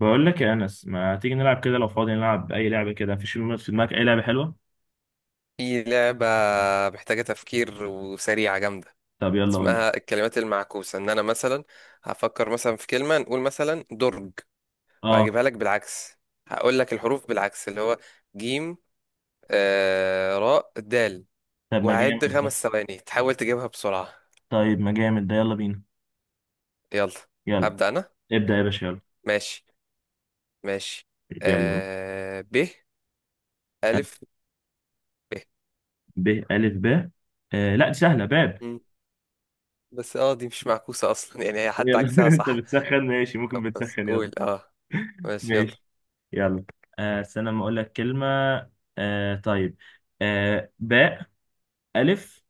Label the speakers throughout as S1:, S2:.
S1: بقول لك يا انس، ما تيجي نلعب كده لو فاضي؟ نلعب اي لعبه كده، مفيش في دماغك اي لعبه حلوه؟
S2: في لعبة محتاجة تفكير وسريعة جامدة.
S1: طب يلا قول لي.
S2: اسمها الكلمات المعكوسة. ان انا مثلا هفكر مثلا في كلمة، نقول مثلا درج،
S1: اه.
S2: وهجيبها لك بالعكس. هقول لك الحروف بالعكس اللي هو جيم راء دال،
S1: طب ما جامد
S2: وهعد
S1: ده.
S2: 5 ثواني تحاول تجيبها بسرعة.
S1: طيب ما جامد ده، يلا بينا.
S2: يلا،
S1: يلا.
S2: هبدأ انا.
S1: ابدا يا باشا، يلا.
S2: ماشي ماشي،
S1: يلا قول.
S2: ب ألف ب.
S1: ب، الف، ب. لا دي سهله، باب.
S2: مم. بس اه، دي مش معكوسة اصلا، يعني هي حتى
S1: يلا،
S2: عكسها
S1: انت
S2: صح.
S1: بتسخن، ماشي ممكن،
S2: طب بس
S1: بتسخن يلا.
S2: قول اه. ماشي يلا.
S1: ماشي، يلا. استنى ما اقول لك كلمه. طيب. باء، الف،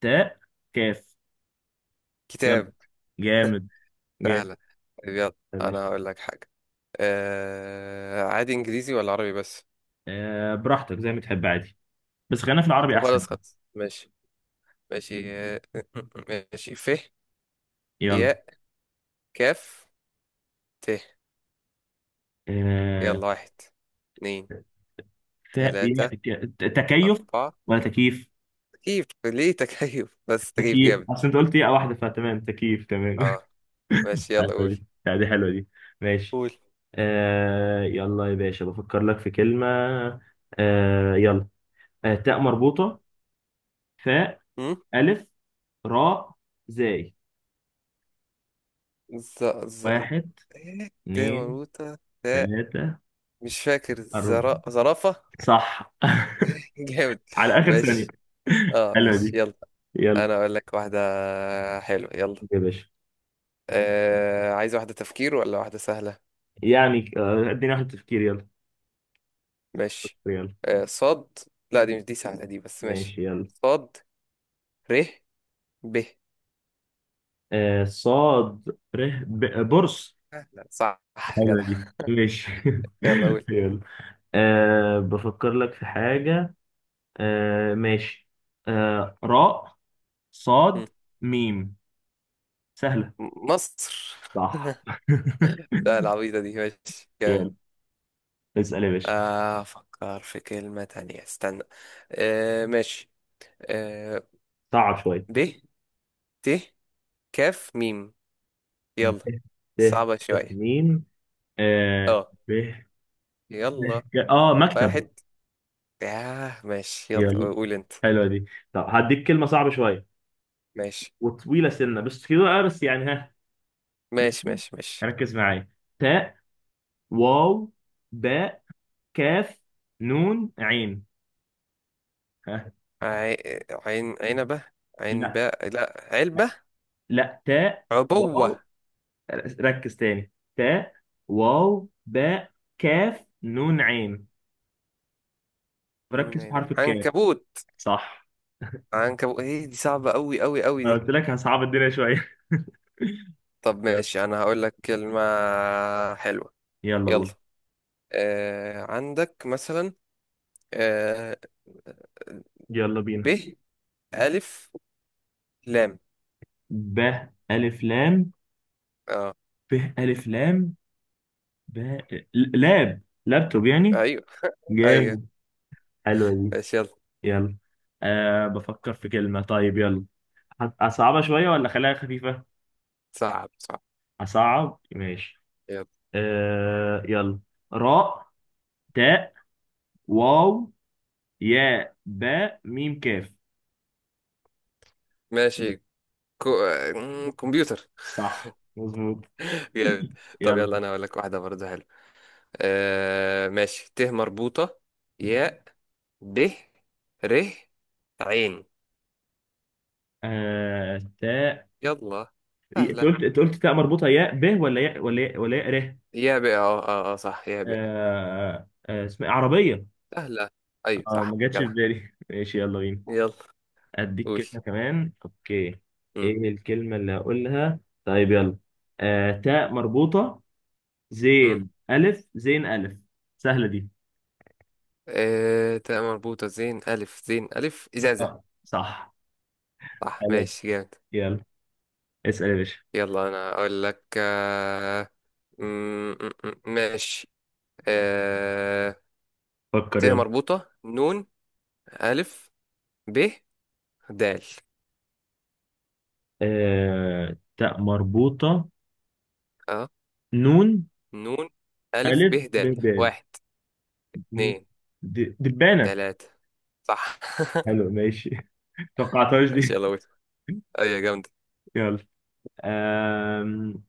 S1: تاء، كاف. يلا.
S2: كتاب،
S1: جامد.
S2: سهلة.
S1: جامد.
S2: طيب يلا،
S1: يا
S2: أنا
S1: باشا.
S2: هقول لك حاجة. عادي إنجليزي ولا عربي بس؟
S1: براحتك زي ما تحب، عادي. بس خلينا في العربي
S2: طب
S1: احسن.
S2: خلاص خلاص ماشي. ماشي ماشي ف
S1: يلا.
S2: ياء كاف ت.
S1: آه...
S2: يلا، واحد اتنين تلاتة
S1: تكيف،
S2: أربعة.
S1: ولا تكييف؟
S2: تكييف، ليه تكييف؟ بس تكييف
S1: تكييف،
S2: جامد.
S1: اصل انت قلت ايه واحده، فتمام تكييف تمام.
S2: اه ماشي، يلا قول.
S1: حلوه دي، لا، دي حلوه دي. ماشي.
S2: قول.
S1: يلا يا باشا، بفكر لك في كلمه. يلا. تاء مربوطه، فاء،
S2: أم؟
S1: الف، راء، زاي.
S2: ز ز.
S1: واحد،
S2: إيه؟ ت
S1: اتنين،
S2: مربوطة ت.
S1: تلاته،
S2: مش فاكر،
S1: اربعه.
S2: زرافة.
S1: صح.
S2: جامد.
S1: على اخر ثانيه.
S2: ماشي. اه
S1: حلوه
S2: ماشي
S1: دي.
S2: يلا،
S1: يلا
S2: انا اقول لك واحدة حلوة. يلا،
S1: يا باشا.
S2: عايز واحدة تفكير ولا واحدة سهلة؟
S1: يعني، اديني واحد تفكير، يلا.
S2: ماشي.
S1: ريال.
S2: صاد. لا، دي مش سهلة دي، بس ماشي.
S1: ماشي، يلا.
S2: صاد ر ب.
S1: صاد، ره، بورصة.
S2: سهلة. صح.
S1: حلوة
S2: جدع.
S1: دي، ماشي.
S2: يلا قول.
S1: يلا. بفكر لك في حاجة. ماشي. راء،
S2: م-
S1: صاد، ميم. سهلة.
S2: مصر.
S1: صح.
S2: لا، العبيطة دي. ماشي جامد.
S1: يلا. اسأل يا باشا.
S2: أفكر في كلمة تانية، استنى. آه ماشي. آه
S1: صعب شوية.
S2: ب ت كاف ميم.
S1: ب،
S2: يلا.
S1: ت.
S2: صعبة
S1: ت،
S2: شوية.
S1: ميم. آه.
S2: اه.
S1: ب، ت.
S2: يلا
S1: مكتب.
S2: واحد. ياه، ماشي يلا
S1: يلا.
S2: قول انت.
S1: حلوة دي. طب هديك كلمة صعبة شوية
S2: ماشي
S1: وطويلة، سنة بس كده بقى، بس يعني، ها.
S2: ماشي
S1: ماشي.
S2: ماشي. ماشي.
S1: ركز معايا. تاء، واو، باء، كاف، نون، عين، ها.
S2: عي... عين عنبة. عين
S1: لا.
S2: باء، لا علبة.
S1: لا، تاء،
S2: عبوة.
S1: واو. ركز تاني، تاء، واو، باء، كاف، نون، عين.
S2: نون
S1: ركز في
S2: عين،
S1: حرف الكاف.
S2: عنكبوت.
S1: صح.
S2: عنكبوت، ايه دي؟ صعبة قوي قوي قوي
S1: ما
S2: دي.
S1: قلت لك هصعب الدنيا شوية؟
S2: طب
S1: يلا.
S2: ماشي، انا هقول لك كلمة حلوة.
S1: يلا
S2: يلا،
S1: قول.
S2: عندك مثلا، آه...
S1: يلا بينا.
S2: ب ألف لام.
S1: ب، ألف، لام.
S2: اه.
S1: ب، ألف، لام. ب. لابتوب يعني.
S2: ايوه. ايوه.
S1: جامد. حلوة دي.
S2: ماشي يلا.
S1: يلا. بفكر في كلمة، طيب يلا. أصعبها شوية ولا خليها خفيفة؟
S2: صعب صعب.
S1: أصعب، ماشي.
S2: يلا.
S1: يلا. راء، تاء، واو، ياء، باء، ميم، كاف.
S2: ماشي، كو... آه، كمبيوتر.
S1: صح مظبوط.
S2: جامد. طب
S1: يلا.
S2: يلا، انا اقول لك واحده برضه حلوه. آه ماشي، ت مربوطه ياء د ر عين.
S1: تاء.
S2: يلا.
S1: أنت
S2: سهله.
S1: قلت، تاء مربوطة، ياء، ب، ولا ياء، ولا ياء، ولا ياء، ر.
S2: يا بقى، اه اه اه صح، يا بقى.
S1: أه أه اسمها إيه؟ عربية.
S2: سهله. ايوه
S1: اه
S2: صح.
S1: ما جاتش في
S2: جدع.
S1: بالي. ماشي، يلا بينا.
S2: يلا
S1: اديك
S2: قول.
S1: كلمة كمان، اوكي.
S2: امم
S1: ايه الكلمة اللي هقولها؟ طيب يلا. تاء مربوطة،
S2: امم
S1: زين، الف، زين، الف. سهلة دي.
S2: آه تاء مربوطه زين الف زين الف،
S1: اه
S2: ازازه.
S1: صح.
S2: صح
S1: حلو.
S2: ماشي. جامد.
S1: يلا. اسأل يا باشا.
S2: يلا انا اقول لك. م- ماشي. آه ت
S1: فكر، يلا.
S2: مربوطه نون الف ب دال.
S1: تاء مربوطة،
S2: اه
S1: نون،
S2: نون ألف ب
S1: الف،
S2: د.
S1: ب، ب،
S2: واحد
S1: نون.
S2: اتنين
S1: دبانة.
S2: تلاتة. صح.
S1: حلو، ماشي. توقعتهاش
S2: ماشي
S1: دي.
S2: يلا ويت. أيوة جامدة.
S1: يلا. آم،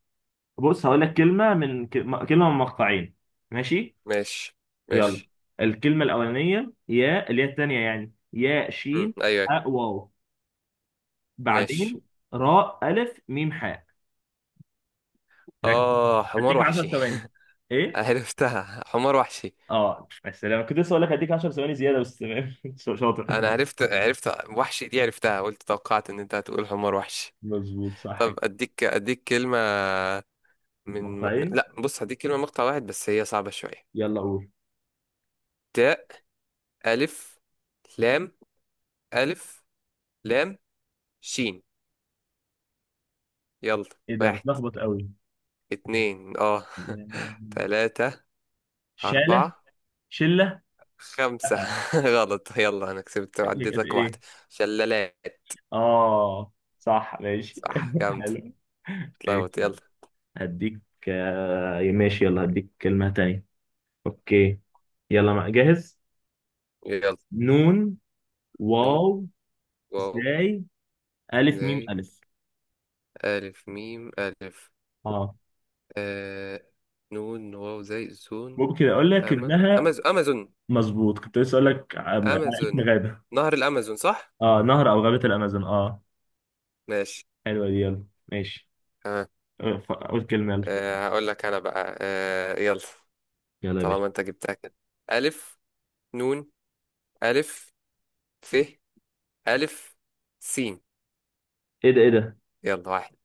S1: بص، هقول لك كلمة من مقطعين. ماشي.
S2: ماشي
S1: يلا.
S2: ماشي.
S1: الكلمة الأولانية، يا، اللي هي التانية يعني، يا
S2: مم.
S1: شين.
S2: أيوة أيوة.
S1: أ، واو.
S2: ماشي.
S1: بعدين راء، ألف، ميم، حاء. ركز.
S2: آه، حمار
S1: هديك 10
S2: وحشي.
S1: ثواني. إيه؟
S2: عرفتها، حمار وحشي.
S1: السلام، كنت لسه أقول لك هديك 10 ثواني زيادة، بس تمام. شاطر.
S2: أنا عرفت عرفت. وحشي دي عرفتها، قلت توقعت إن أنت هتقول حمار وحشي.
S1: مظبوط، صح
S2: طب
S1: كده.
S2: أديك كلمة.
S1: نقطتين.
S2: لا بص، هديك كلمة مقطع واحد بس هي صعبة شوية.
S1: يلا قول.
S2: تاء ألف لام ألف لام شين. يلا.
S1: إيه ده،
S2: واحد
S1: بتلخبط قوي.
S2: اتنين اه تلاتة
S1: شالة.
S2: أربعة
S1: شلة.
S2: خمسة.
S1: لأ.
S2: غلط، يلا أنا كسبت
S1: هي كانت
S2: وعديتك
S1: إيه؟
S2: واحدة. شلالات.
S1: آه. صح، ماشي.
S2: صح. جامد.
S1: حلو.
S2: اتلخبط
S1: ماشي،
S2: يلا.
S1: يلا. هديك. ماشي يلا، هديك كلمة تانية. اوكي. يلا، مع، جاهز.
S2: يلا.
S1: نون،
S2: نون
S1: واو،
S2: واو
S1: زاي، الف، ميم،
S2: زي
S1: الف.
S2: ألف ميم ألف.
S1: اه.
S2: آه نون واو زي زون.
S1: ممكن اقول لك
S2: أما
S1: انها.
S2: أمازون أمازون.
S1: مظبوط، كنت لسه اقول لك على اسم
S2: أمازون،
S1: غابه.
S2: نهر الأمازون صح؟
S1: اه، نهر او غابه الامازون، اه.
S2: ماشي.
S1: حلوه دي، يلا. ماشي.
S2: تمام.
S1: قول كلمه، يلا.
S2: هقول لك أنا بقى. آه يلا.
S1: يلا يا باشا.
S2: طالما أنت جبتها كده. ألف نون ألف ف ألف سين.
S1: ايه ده، ايه ده،
S2: يلا، واحد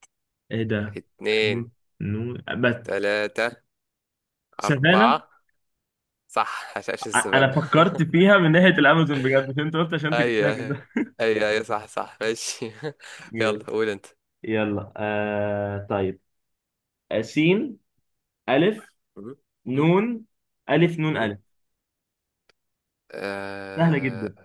S1: ايه ده. ألف،
S2: اتنين
S1: نون بس.
S2: تلاتة
S1: سافانا.
S2: أربعة. صح، هشاش
S1: انا
S2: السفنة.
S1: فكرت فيها من ناحيه الامازون بجد، مش انت قلت عشان
S2: أي
S1: تجيبها كده.
S2: أي. أي أي صح صح. ماشي يلا
S1: جامد.
S2: قول أنت.
S1: يلا. طيب. سين، الف،
S2: م- م-
S1: نون، الف، نون،
S2: م-
S1: الف. سهلة
S2: آه
S1: جدا.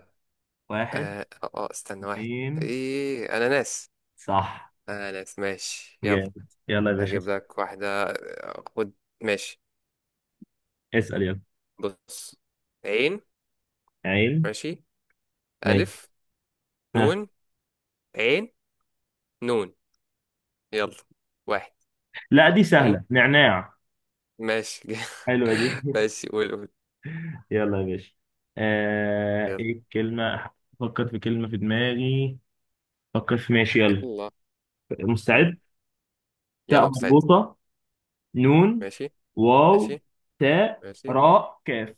S1: واحد.
S2: آه استنى. واحد.
S1: اثنين.
S2: إيه، أنا ناس.
S1: صح.
S2: أنا ناس. ماشي يلا.
S1: جامد، يلا يا باشا.
S2: هجيب لك واحدة، خد. ماشي.
S1: اسأل، يلا.
S2: بص. عين.
S1: عين.
S2: ماشي.
S1: ماشي.
S2: ألف.
S1: ها.
S2: نون عين نون. يلا. واحد
S1: لا، دي
S2: اتنين.
S1: سهلة، نعناع.
S2: ماشي.
S1: حلوة دي.
S2: ماشي، قول قول.
S1: يلا يا باشا.
S2: يلا.
S1: ايه الكلمة؟ فكر في كلمة في دماغي. فكر في، ماشي يلا.
S2: يلا. مم.
S1: مستعد؟ تاء
S2: يلا مستعد.
S1: مربوطة، نون،
S2: ماشي
S1: واو،
S2: ماشي
S1: تاء،
S2: ماشي.
S1: راء، كاف.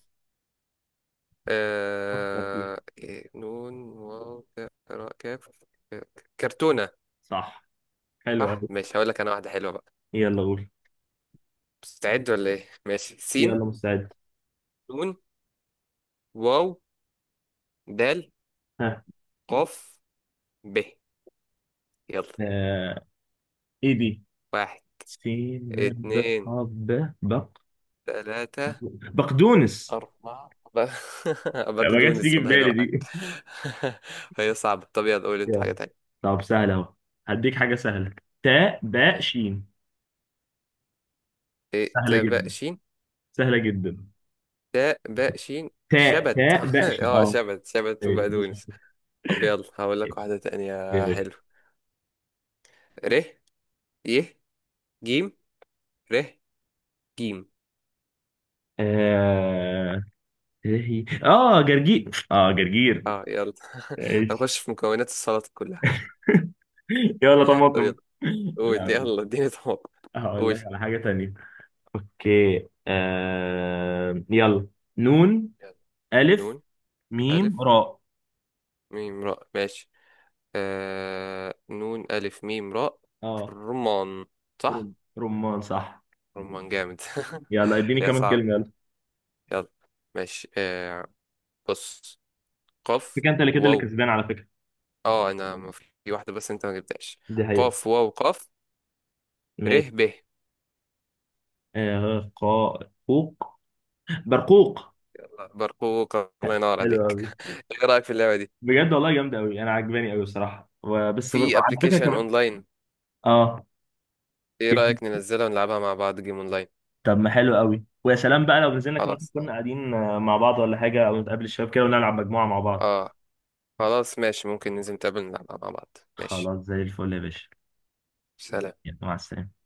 S1: فكر فيها.
S2: آه... إيه، نون واو تاء، راء كاف. آه، كرتونة.
S1: صح. حلوة
S2: صح
S1: أوي.
S2: ماشي. هقول لك انا واحدة حلوة بقى.
S1: يلا قول.
S2: مستعد ولا ايه؟ ماشي، سين
S1: يلا، مستعد.
S2: نون واو دال
S1: ها.
S2: قاف ب. يلا.
S1: آه... ايه دي؟
S2: واحد
S1: سين، ب.
S2: اتنين
S1: ب،
S2: تلاتة
S1: بقدونس.
S2: أربعة
S1: ما جاتش
S2: بقدونس،
S1: تيجي في
S2: الله
S1: بالي
S2: ينور عليك.
S1: دي.
S2: هي صعبة. طب يلا قول انت حاجة
S1: يلا.
S2: تانية.
S1: طب، سهلة اهو. هديك حاجة سهلة. تاء، باء،
S2: ماشي.
S1: شين.
S2: إيه،
S1: سهلة
S2: تاء باء
S1: جدا.
S2: شين.
S1: سهلة جدا.
S2: تاء باء شين.
S1: تاء
S2: شبت.
S1: تاء باء، شين،
S2: اه
S1: اه.
S2: شبت، شبت
S1: إيه،
S2: وبقدونس. طب يلا هقول لك واحدة تانية.
S1: جميل.
S2: حلو. ر ي جيم ر جيم.
S1: اه. إيه هي؟ جرجير.
S2: اه يلا.
S1: ايش.
S2: هنخش في مكونات السلطة كلها.
S1: يلا،
S2: طب
S1: طماطم.
S2: يلا
S1: لا،
S2: قول.
S1: يلا.
S2: يلا اديني طبق.
S1: هقول
S2: قول.
S1: لك على حاجة تانية. اوكي. يلا. نون،
S2: يلا.
S1: ألف،
S2: نون
S1: ميم،
S2: ألف
S1: راء.
S2: ميم راء. ماشي. آه نون ألف ميم راء.
S1: اه.
S2: رمان. صح.
S1: رمان، صح.
S2: رمان. جامد.
S1: يلا، اديني
S2: يا
S1: كمان
S2: صعب.
S1: كلمة، يلا.
S2: يلا ماشي. آه بص. قاف
S1: فكرة، انت اللي كده، اللي
S2: واو.
S1: كسبان على فكرة.
S2: اه في واحدة بس انت ما جبتهاش.
S1: دي حقيقة.
S2: قاف واو قاف ر
S1: ماشي.
S2: ب.
S1: آه قا قوق برقوق.
S2: يلا، برقوق. الله ينور
S1: حلو
S2: عليك.
S1: قوي.
S2: ايه رأيك في اللعبة دي؟
S1: بجد والله، جامدة قوي، انا عجباني قوي بصراحة، بس
S2: في
S1: على فكرة
S2: ابلكيشن
S1: كمان.
S2: اونلاين.
S1: اه.
S2: ايه
S1: في.
S2: رأيك ننزلها ونلعبها مع بعض، جيم اونلاين؟
S1: طب ما حلو قوي، ويا سلام بقى لو نزلنا كمان
S2: خلاص.
S1: كنا قاعدين مع بعض ولا حاجة، او نتقابل الشباب كده ونلعب مجموعة مع بعض.
S2: اه. خلاص ماشي، ممكن ننزل نتقابل نلعبها مع بعض. ماشي.
S1: خلاص، زي الفل يا باشا.
S2: سلام.
S1: يلا، مع السلامة.